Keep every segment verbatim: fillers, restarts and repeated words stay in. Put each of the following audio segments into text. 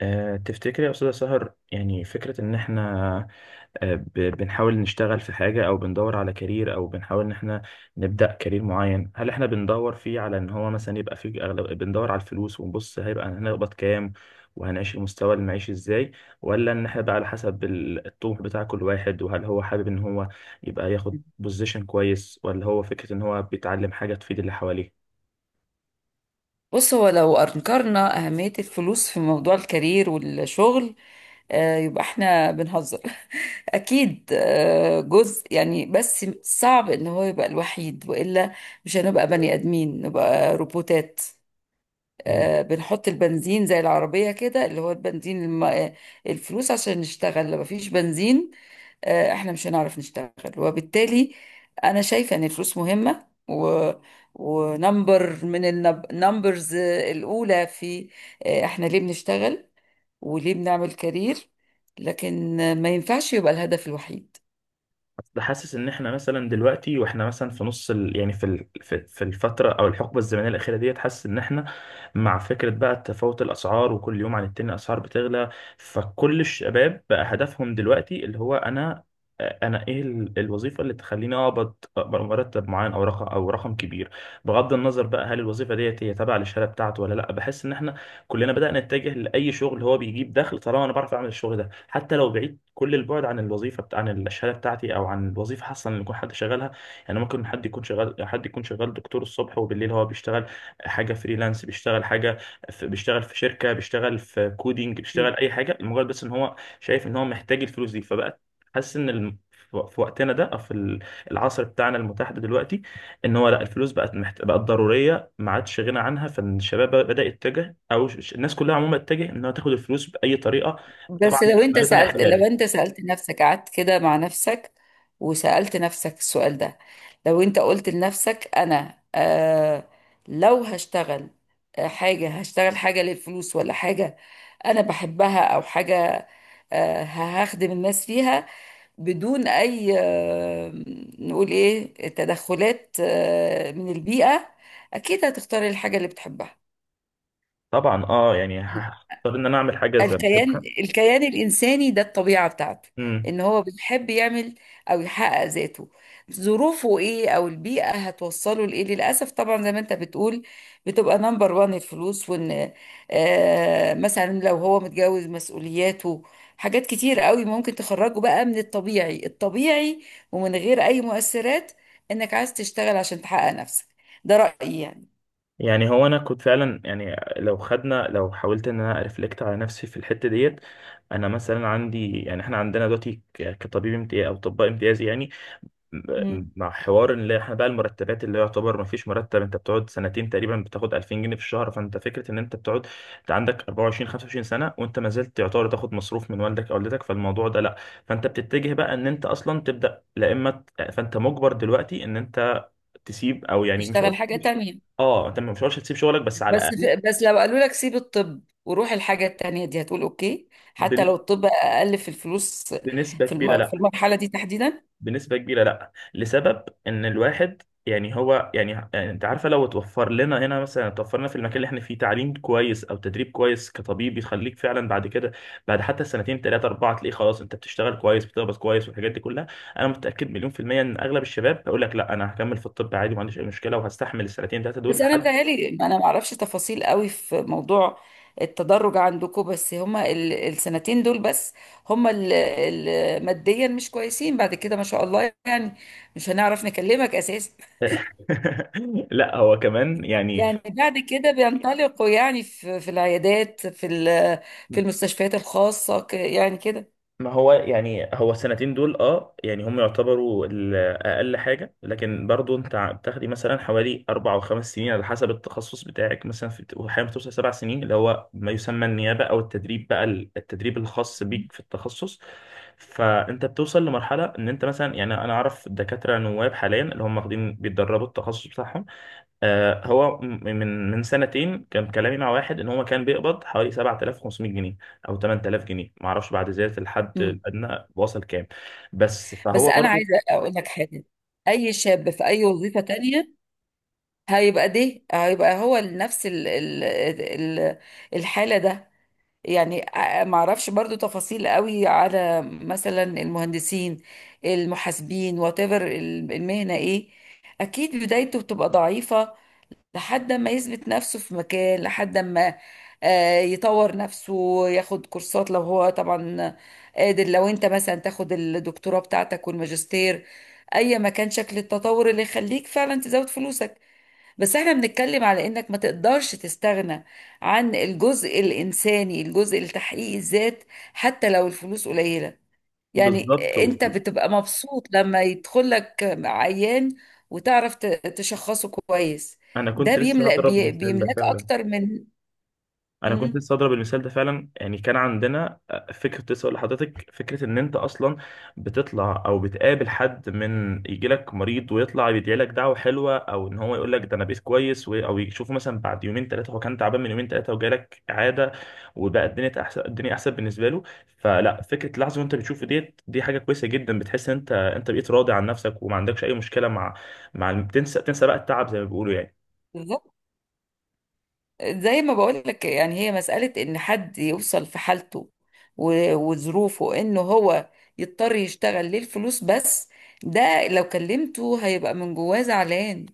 أه تفتكري يا أستاذة سهر، يعني فكرة إن إحنا أه ب- بنحاول نشتغل في حاجة أو بندور على كارير، أو بنحاول إن إحنا نبدأ كارير معين؟ هل إحنا بندور فيه على إن هو مثلا يبقى فيه أغلب بندور على الفلوس ونبص هيبقى هنقبض كام وهنعيش المستوى المعيشي إزاي؟ ولا إن إحنا بقى على حسب ال- الطموح بتاع كل واحد، وهل هو حابب إن هو يبقى ياخد بوزيشن كويس، ولا هو فكرة إن هو بيتعلم حاجة تفيد اللي حواليه؟ بص، هو لو أنكرنا أهمية الفلوس في موضوع الكارير والشغل آه، يبقى احنا بنهزر. أكيد آه، جزء يعني، بس صعب إن هو يبقى الوحيد، وإلا مش هنبقى بني آدمين، نبقى روبوتات. آه، بنحط البنزين زي العربية كده، اللي هو البنزين الم... آه، الفلوس، عشان نشتغل. لو مفيش بنزين، آه، احنا مش هنعرف نشتغل. وبالتالي انا شايفة ان الفلوس مهمة، و ونمبر من النمبرز الاولى في آه، احنا ليه بنشتغل وليه بنعمل كارير. لكن آه، ما ينفعش يبقى الهدف الوحيد. أصل حاسس ان احنا مثلا دلوقتي واحنا مثلا في نص ال... يعني في ال... في في الفتره او الحقبه الزمنيه الاخيره ديت، حاسس ان احنا مع فكره بقى تفاوت الاسعار وكل يوم عن التاني الاسعار بتغلى، فكل الشباب بقى هدفهم دلوقتي اللي هو انا، انا ايه ال- الوظيفه اللي تخليني اقبض، أقبض مرتب معين او رقم او رقم كبير، بغض النظر بقى هل الوظيفه ديت هي تابعه للشهاده بتاعته ولا لا. بحس ان احنا كلنا بدأنا نتجه لاي شغل هو بيجيب دخل طالما انا بعرف اعمل الشغل ده، حتى لو بعيد كل البعد عن الوظيفه بتاع عن الشهاده بتاعتي او عن الوظيفه حصل ان يكون حد شغالها. يعني ممكن حد يكون شغال، حد يكون شغال دكتور الصبح وبالليل هو بيشتغل حاجه فريلانس، بيشتغل حاجه في بيشتغل في شركه، بيشتغل في كودينج، بيشتغل اي حاجه، مجرد بس ان هو شايف ان هو محتاج الفلوس دي. فبقى حاسس ان الم- في في وقتنا ده او في ال- العصر بتاعنا المتاح ده دلوقتي، ان هو لا، الفلوس بقت محت... بقت ضروريه، ما عادش غنى عنها، فالشباب بدا يتجه او ش- الناس كلها عموما اتجه انها تاخد الفلوس باي طريقه. طبعا. بس لو انت عارف الاقي سألت، لو حلالي. انت سألت نفسك، قعدت كده مع نفسك وسألت نفسك السؤال ده، لو انت قلت لنفسك انا آه لو هشتغل، آه، حاجة هشتغل حاجة للفلوس، ولا حاجة انا بحبها، او حاجة آه هخدم الناس فيها، بدون اي آه نقول ايه، تدخلات آه من البيئة، اكيد هتختار الحاجة اللي بتحبها. طبعا اه، يعني هختار ان انا اعمل حاجه زي ما الكيان بحبها. الكيان الإنساني ده الطبيعة بتاعته امم إن هو بيحب يعمل أو يحقق ذاته. ظروفه إيه أو البيئة هتوصله لإيه، للأسف طبعا، زي ما أنت بتقول، بتبقى نمبر وان الفلوس. وإن آه مثلا لو هو متجوز، مسؤولياته، حاجات كتير قوي ممكن تخرجه بقى من الطبيعي الطبيعي، ومن غير أي مؤثرات، إنك عايز تشتغل عشان تحقق نفسك. ده رأيي يعني. يعني هو انا كنت فعلا، يعني لو خدنا، لو حاولت ان انا ريفلكت على نفسي في الحته ديت، انا مثلا عندي، يعني احنا عندنا دلوقتي ك- كطبيب امتياز او طباء امتياز يعني، مم. مع حوار اللي احنا بقى المرتبات اللي يعتبر ما فيش مرتب، انت بتقعد سنتين تقريبا بتاخد ألفين جنيه في الشهر، فانت فكره ان انت بتقعد انت عندك أربعة وعشرين خمسة وعشرين سنة سنه وانت ما زلت يعتبر تاخد مصروف من والدك او والدتك، فالموضوع ده لا. فانت بتتجه بقى ان انت اصلا تبدا، لا اما ت-، فانت مجبر دلوقتي ان انت تسيب، او يعني مش هقول تشتغل حاجة مش-، تانية. اه انت مش هقولش تسيب شغلك، بس على بس الاقل في، بس لو قالوا لك سيب الطب وروح الحاجة التانية دي، هتقول اوكي حتى بن-، لو الطب اقل في الفلوس؟ بنسبه في كبيره الم... في لا. المرحلة دي تحديدا، بنسبة كبيرة لا، لسبب ان الواحد يعني هو يعني يعني انت عارفة، لو اتوفر لنا هنا مثلا، اتوفر لنا في المكان اللي احنا فيه تعليم كويس او تدريب كويس كطبيب يخليك فعلا بعد كده، بعد حتى سنتين ثلاثة أربعة تلاقيه خلاص انت بتشتغل كويس، بتقبض كويس والحاجات دي كلها، انا متأكد مليون في المية ان اغلب الشباب هيقول لك لا انا هكمل في الطب عادي ما عنديش اي مشكلة، وهستحمل السنتين ثلاثة دول بس انا لحد. متهيألي، انا ما اعرفش تفاصيل قوي في موضوع التدرج عندكم، بس هما ال... السنتين دول بس، هما ال... ال... ماديا مش كويسين، بعد كده ما شاء الله يعني مش هنعرف نكلمك اساسا. لا، هو كمان يعني، يعني بعد كده بينطلقوا يعني في, في العيادات، في ال... في المستشفيات الخاصة، ك... يعني كده. ما هو يعني هو السنتين دول اه يعني هم يعتبروا ال- اقل حاجه، لكن برضو انت ع- بتاخدي مثلا حوالي اربع او خمس سنين على حسب التخصص بتاعك، مثلا في احيانا بتوصل سبع سنين، اللي هو ما يسمى النيابه او التدريب بقى ال- التدريب الخاص بيك في التخصص. فانت بتوصل لمرحله ان انت مثلا، يعني انا اعرف دكاتره نواب حاليا اللي هم واخدين بيتدربوا التخصص بتاعهم. آه، هو م- من من سنتين كان كلامي مع واحد ان هو كان بيقبض حوالي سبعة آلاف وخمسمية جنيه او تمنية آلاف جنيه، ما اعرفش بعد زياده الحد مم. الادنى وصل كام، بس بس فهو انا برضو. عايزه اقول لك حاجه: اي شاب في اي وظيفه تانية هيبقى ده هيبقى هو نفس ال- ال- ال- الحاله ده. يعني ع- ما اعرفش برضو تفاصيل قوي على مثلا المهندسين، المحاسبين، وات ايفر المهنه ايه، اكيد بدايته بتبقى ضعيفه لحد ما يثبت نفسه في مكان، لحد ما آه، يطور نفسه، ياخد كورسات لو هو طبعا قادر، لو انت مثلا تاخد الدكتوراه بتاعتك والماجستير، اي ما كان شكل التطور اللي يخليك فعلا تزود فلوسك. بس احنا بنتكلم على انك ما تقدرش تستغنى عن الجزء الانساني، الجزء لتحقيق الذات، حتى لو الفلوس قليلة، يعني. بالظبط. انت و- بتبقى مبسوط لما يدخل لك عيان وتعرف ت- تشخصه كويس، انا ده كنت لسه بيملأ هضرب بي- مثال ده بيملاك فعلا. اكتر من. انا كنت مم، لسه اضرب المثال ده فعلا، يعني كان عندنا آه، فكره، كنت لسه اقول لحضرتك فكره ان انت اصلا بتطلع او بتقابل حد، من يجي لك مريض ويطلع يدعي لك دعوه حلوه، او ان هو يقول لك ده انا بقيت كويس، و- او يشوفه مثلا بعد يومين ثلاثه، هو كان تعبان من يومين ثلاثه وجالك اعاده وبقى الدنيا احسن، الدنيا احسن بالنسبه له، فلا فكره لحظه وانت بتشوف ديت دي حاجه كويسه جدا، بتحس ان انت انت بقيت راضي عن نفسك وما عندكش اي مشكله مع مع الم-، تنسى تنسى بقى التعب زي ما بيقولوا يعني. بالظبط. زي ما بقول لك، يعني هي مسألة ان حد يوصل في حالته و- وظروفه انه هو يضطر يشتغل للفلوس بس، ده لو كلمته هيبقى من جواه زعلان.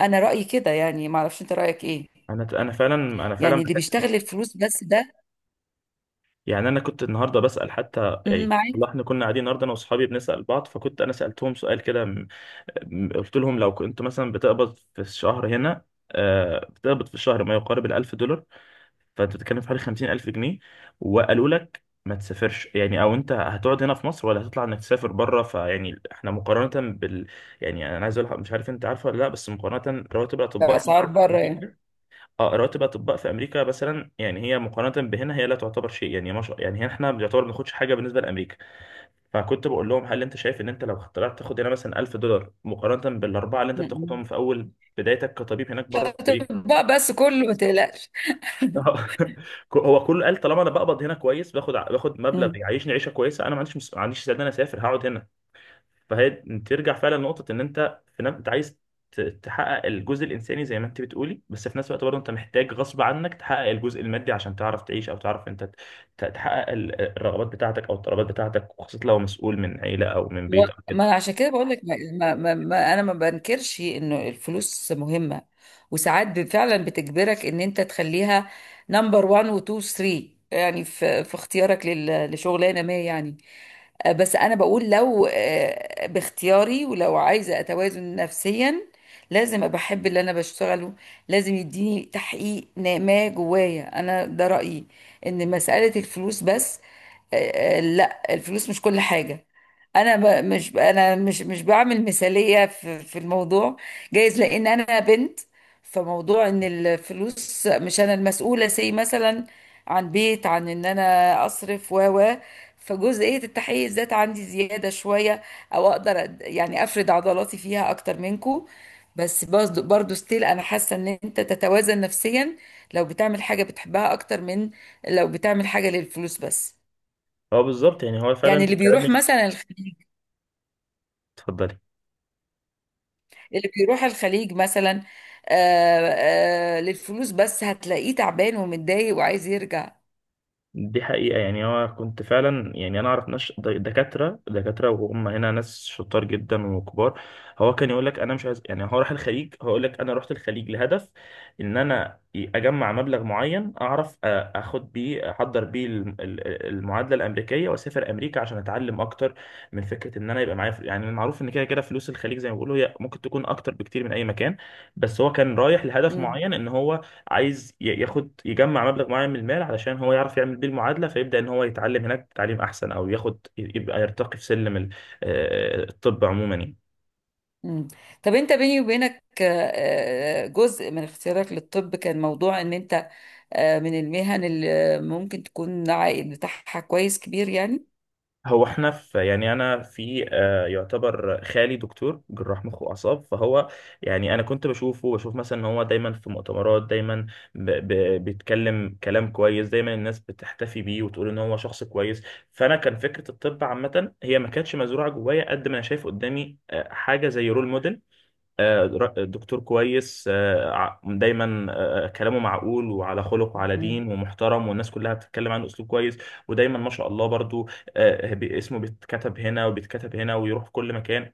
انا رأيي كده يعني، معرفش انت رأيك ايه، انا انا فعلا، انا فعلا يعني اللي بيشتغل الفلوس بس ده. يعني، انا كنت النهارده بسال حتى، مم، يعني معاك. والله احنا كنا قاعدين النهارده انا واصحابي بنسال بعض، فكنت انا سالتهم سؤال كده م-، م- قلت لهم لو كنت مثلا بتقبض في الشهر هنا، آه، بتقبض في الشهر ما يقارب الألف دولار، فأنت بتتكلم في حوالي خمسين ألف جنيه، وقالوا لك ما تسافرش يعني، أو أنت هتقعد هنا في مصر ولا هتطلع إنك تسافر بره؟ فيعني إحنا مقارنة بال، يعني أنا عايز أقول لك-، مش عارف أنت عارفه ولا لأ، بس مقارنة رواتب الأطباء هنا بأسعار في بره يعني. أمريكا. اه رواتب الاطباء في امريكا مثلا يعني، هي مقارنه بهنا هي لا تعتبر شيء يعني، ما شاء يعني، هنا احنا بنعتبر ما بناخدش حاجه بالنسبه لامريكا. فكنت بقول لهم هل انت شايف ان انت لو طلعت تاخد هنا مثلا ألف دولار مقارنه بالاربعه اللي انت مم. بتاخدهم في اول بدايتك كطبيب هناك بره في امريكا؟ بقى بس كله، ما تقلقش. آه. هو كله قال طالما انا بقبض هنا كويس، باخد، باخد مبلغ مم. يعيشني عيشه كويسه، انا ما عنديش مس... ما عنديش استعداد إن انا اسافر، هقعد هنا. فهي ترجع فعلا لنقطة إن أنت في نفس أنت عايز ت- تحقق الجزء الإنساني زي ما أنت بتقولي، بس في نفس الوقت برضه أنت محتاج غصب عنك تحقق الجزء المادي عشان تعرف تعيش، أو تعرف أنت ت- تحقق ال- الرغبات بتاعتك أو الطلبات بتاعتك، وخاصة لو مسؤول من عيلة أو من هو- بيت أو كده. ما عشان كده بقول لك، ما ما ما ما- انا ما بنكرش انه الفلوس مهمه، وساعات ب- فعلا بتجبرك ان انت تخليها نمبر واحد و اتنين و تلاتة يعني في في اختيارك لل- لشغلانه ما يعني. آه، بس انا بقول لو آه، باختياري، ولو عايزه اتوازن نفسيا، لازم ابقى احب اللي انا بشتغله، لازم يديني تحقيق نا- ما جوايا انا. ده رايي، ان مساله الفلوس بس آه، آه، لا، الفلوس مش كل حاجة. انا ب... مش انا، مش مش بعمل مثالية في في الموضوع، جايز لان انا بنت، فموضوع ان الفلوس، مش انا المسؤولة سي مثلا عن بيت، عن ان انا اصرف، و و فجزئية التحيز ذات عندي زيادة شوية، او اقدر أد- يعني افرد عضلاتي فيها اكتر منكو. بس برضو برضو ستيل انا حاسة ان انت تتوازن نفسيا لو بتعمل حاجة بتحبها اكتر من لو بتعمل حاجة للفلوس بس. هو بالظبط، يعني هو يعني فعلا اللي بيروح كلامك. مثلا الخليج، اتفضلي. اللي بيروح الخليج مثلا آه آه للفلوس بس، هتلاقيه تعبان ومتضايق وعايز يرجع. دي حقيقة، يعني أنا كنت فعلا يعني، أنا أعرف ناس د- دكاترة دكاترة وهم هنا ناس شطار جدا وكبار، هو كان يقول لك أنا مش عايز، يعني هو راح الخليج، هو يقول لك أنا رحت الخليج لهدف إن أنا أجمع مبلغ معين أعرف أ- أخد بيه أحضر بيه الم- ال- المعادلة الأمريكية وأسافر أمريكا عشان أتعلم أكتر، من فكرة إن أنا يبقى معايا فل- يعني معروف إن كده كده فلوس الخليج زي ما بيقولوا هي ممكن تكون أكتر بكتير من أي مكان. بس هو كان رايح لهدف مم. معين إن هو عايز ي- ياخد يجمع مبلغ معين من المال علشان هو يعرف يعمل بيه المعادلة، فيبدأ ان هو يتعلم هناك تعليم احسن، او ياخد يبقى يرتقي في سلم ال- آه، الطب عموما يعني. مم. طب انت بيني وبينك، آه، آه، جزء من اختيارك للطب كان موضوع ان انت آه، من المهن اللي ممكن تكون العائد بتاعها كويس، كبير يعني؟ هو احنا في، يعني انا في آه، يعتبر خالي دكتور جراح مخ واعصاب، فهو يعني انا كنت بشوفه، بشوف مثلا ان هو دايما في مؤتمرات، دايما ب ب بيتكلم كلام كويس، دايما الناس بتحتفي بيه وتقول ان هو شخص كويس، فانا كان فكره الطب عامه هي ما كانتش مزروعه جوايا قد ما انا شايف قدامي آه، حاجه زي رول موديل، آه، در- دكتور كويس، آه، ع- دايما آه، آه، كلامه معقول وعلى خلق وعلى مم. دين ومحترم والناس كلها بتتكلم عنه اسلوب كويس، ودايما ما شاء الله برضو آه، ب- اسمه بيتكتب هنا وبيتكتب هنا ويروح في كل مكان.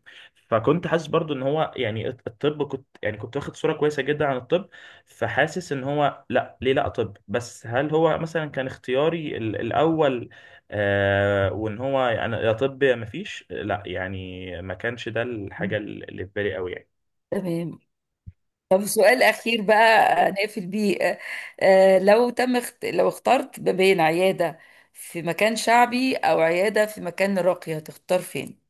فكنت حاسس برضو ان هو يعني الط- الطب، كنت يعني كنت واخد صورة كويسة جدا عن الطب، فحاسس ان هو لا ليه لا طب، بس هل هو مثلا كان اختياري ال- الاول؟ آه، وان هو يعني يا طب يا مفيش لا، يعني ما كانش ده الحاجة مم. اللي في بالي قوي يعني. تمام. طب سؤال أخير بقى، آه، نقفل بيه. آه، آه، لو تم اخت... لو اخترت ما بين عيادة في مكان شعبي أو عيادة في مكان راقي، هتختار فين؟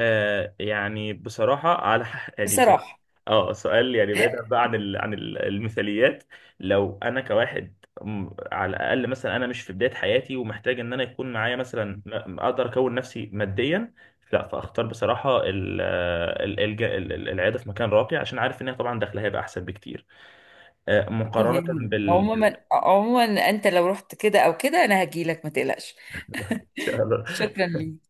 آه يعني بصراحة على ح- يعني، بصراحة. اه سؤال يعني بعيد بقى عن ال... عن ال- المثاليات، لو انا كواحد م- على الاقل مثلا انا مش في بداية حياتي ومحتاج ان انا يكون معايا مثلا م- اقدر اكون نفسي ماديا، لا فاختار بصراحة ال... ال... الج... ال... ال- العيادة في مكان راقي، عشان عارف ان هي طبعا دخلها هيبقى احسن بكتير، آه مقارنة تمام، بال بال-. عموما عموما أنت لو رحت كده أو كده أنا هجيلك، ما تقلقش. إن شاء الله. شكرا ليك.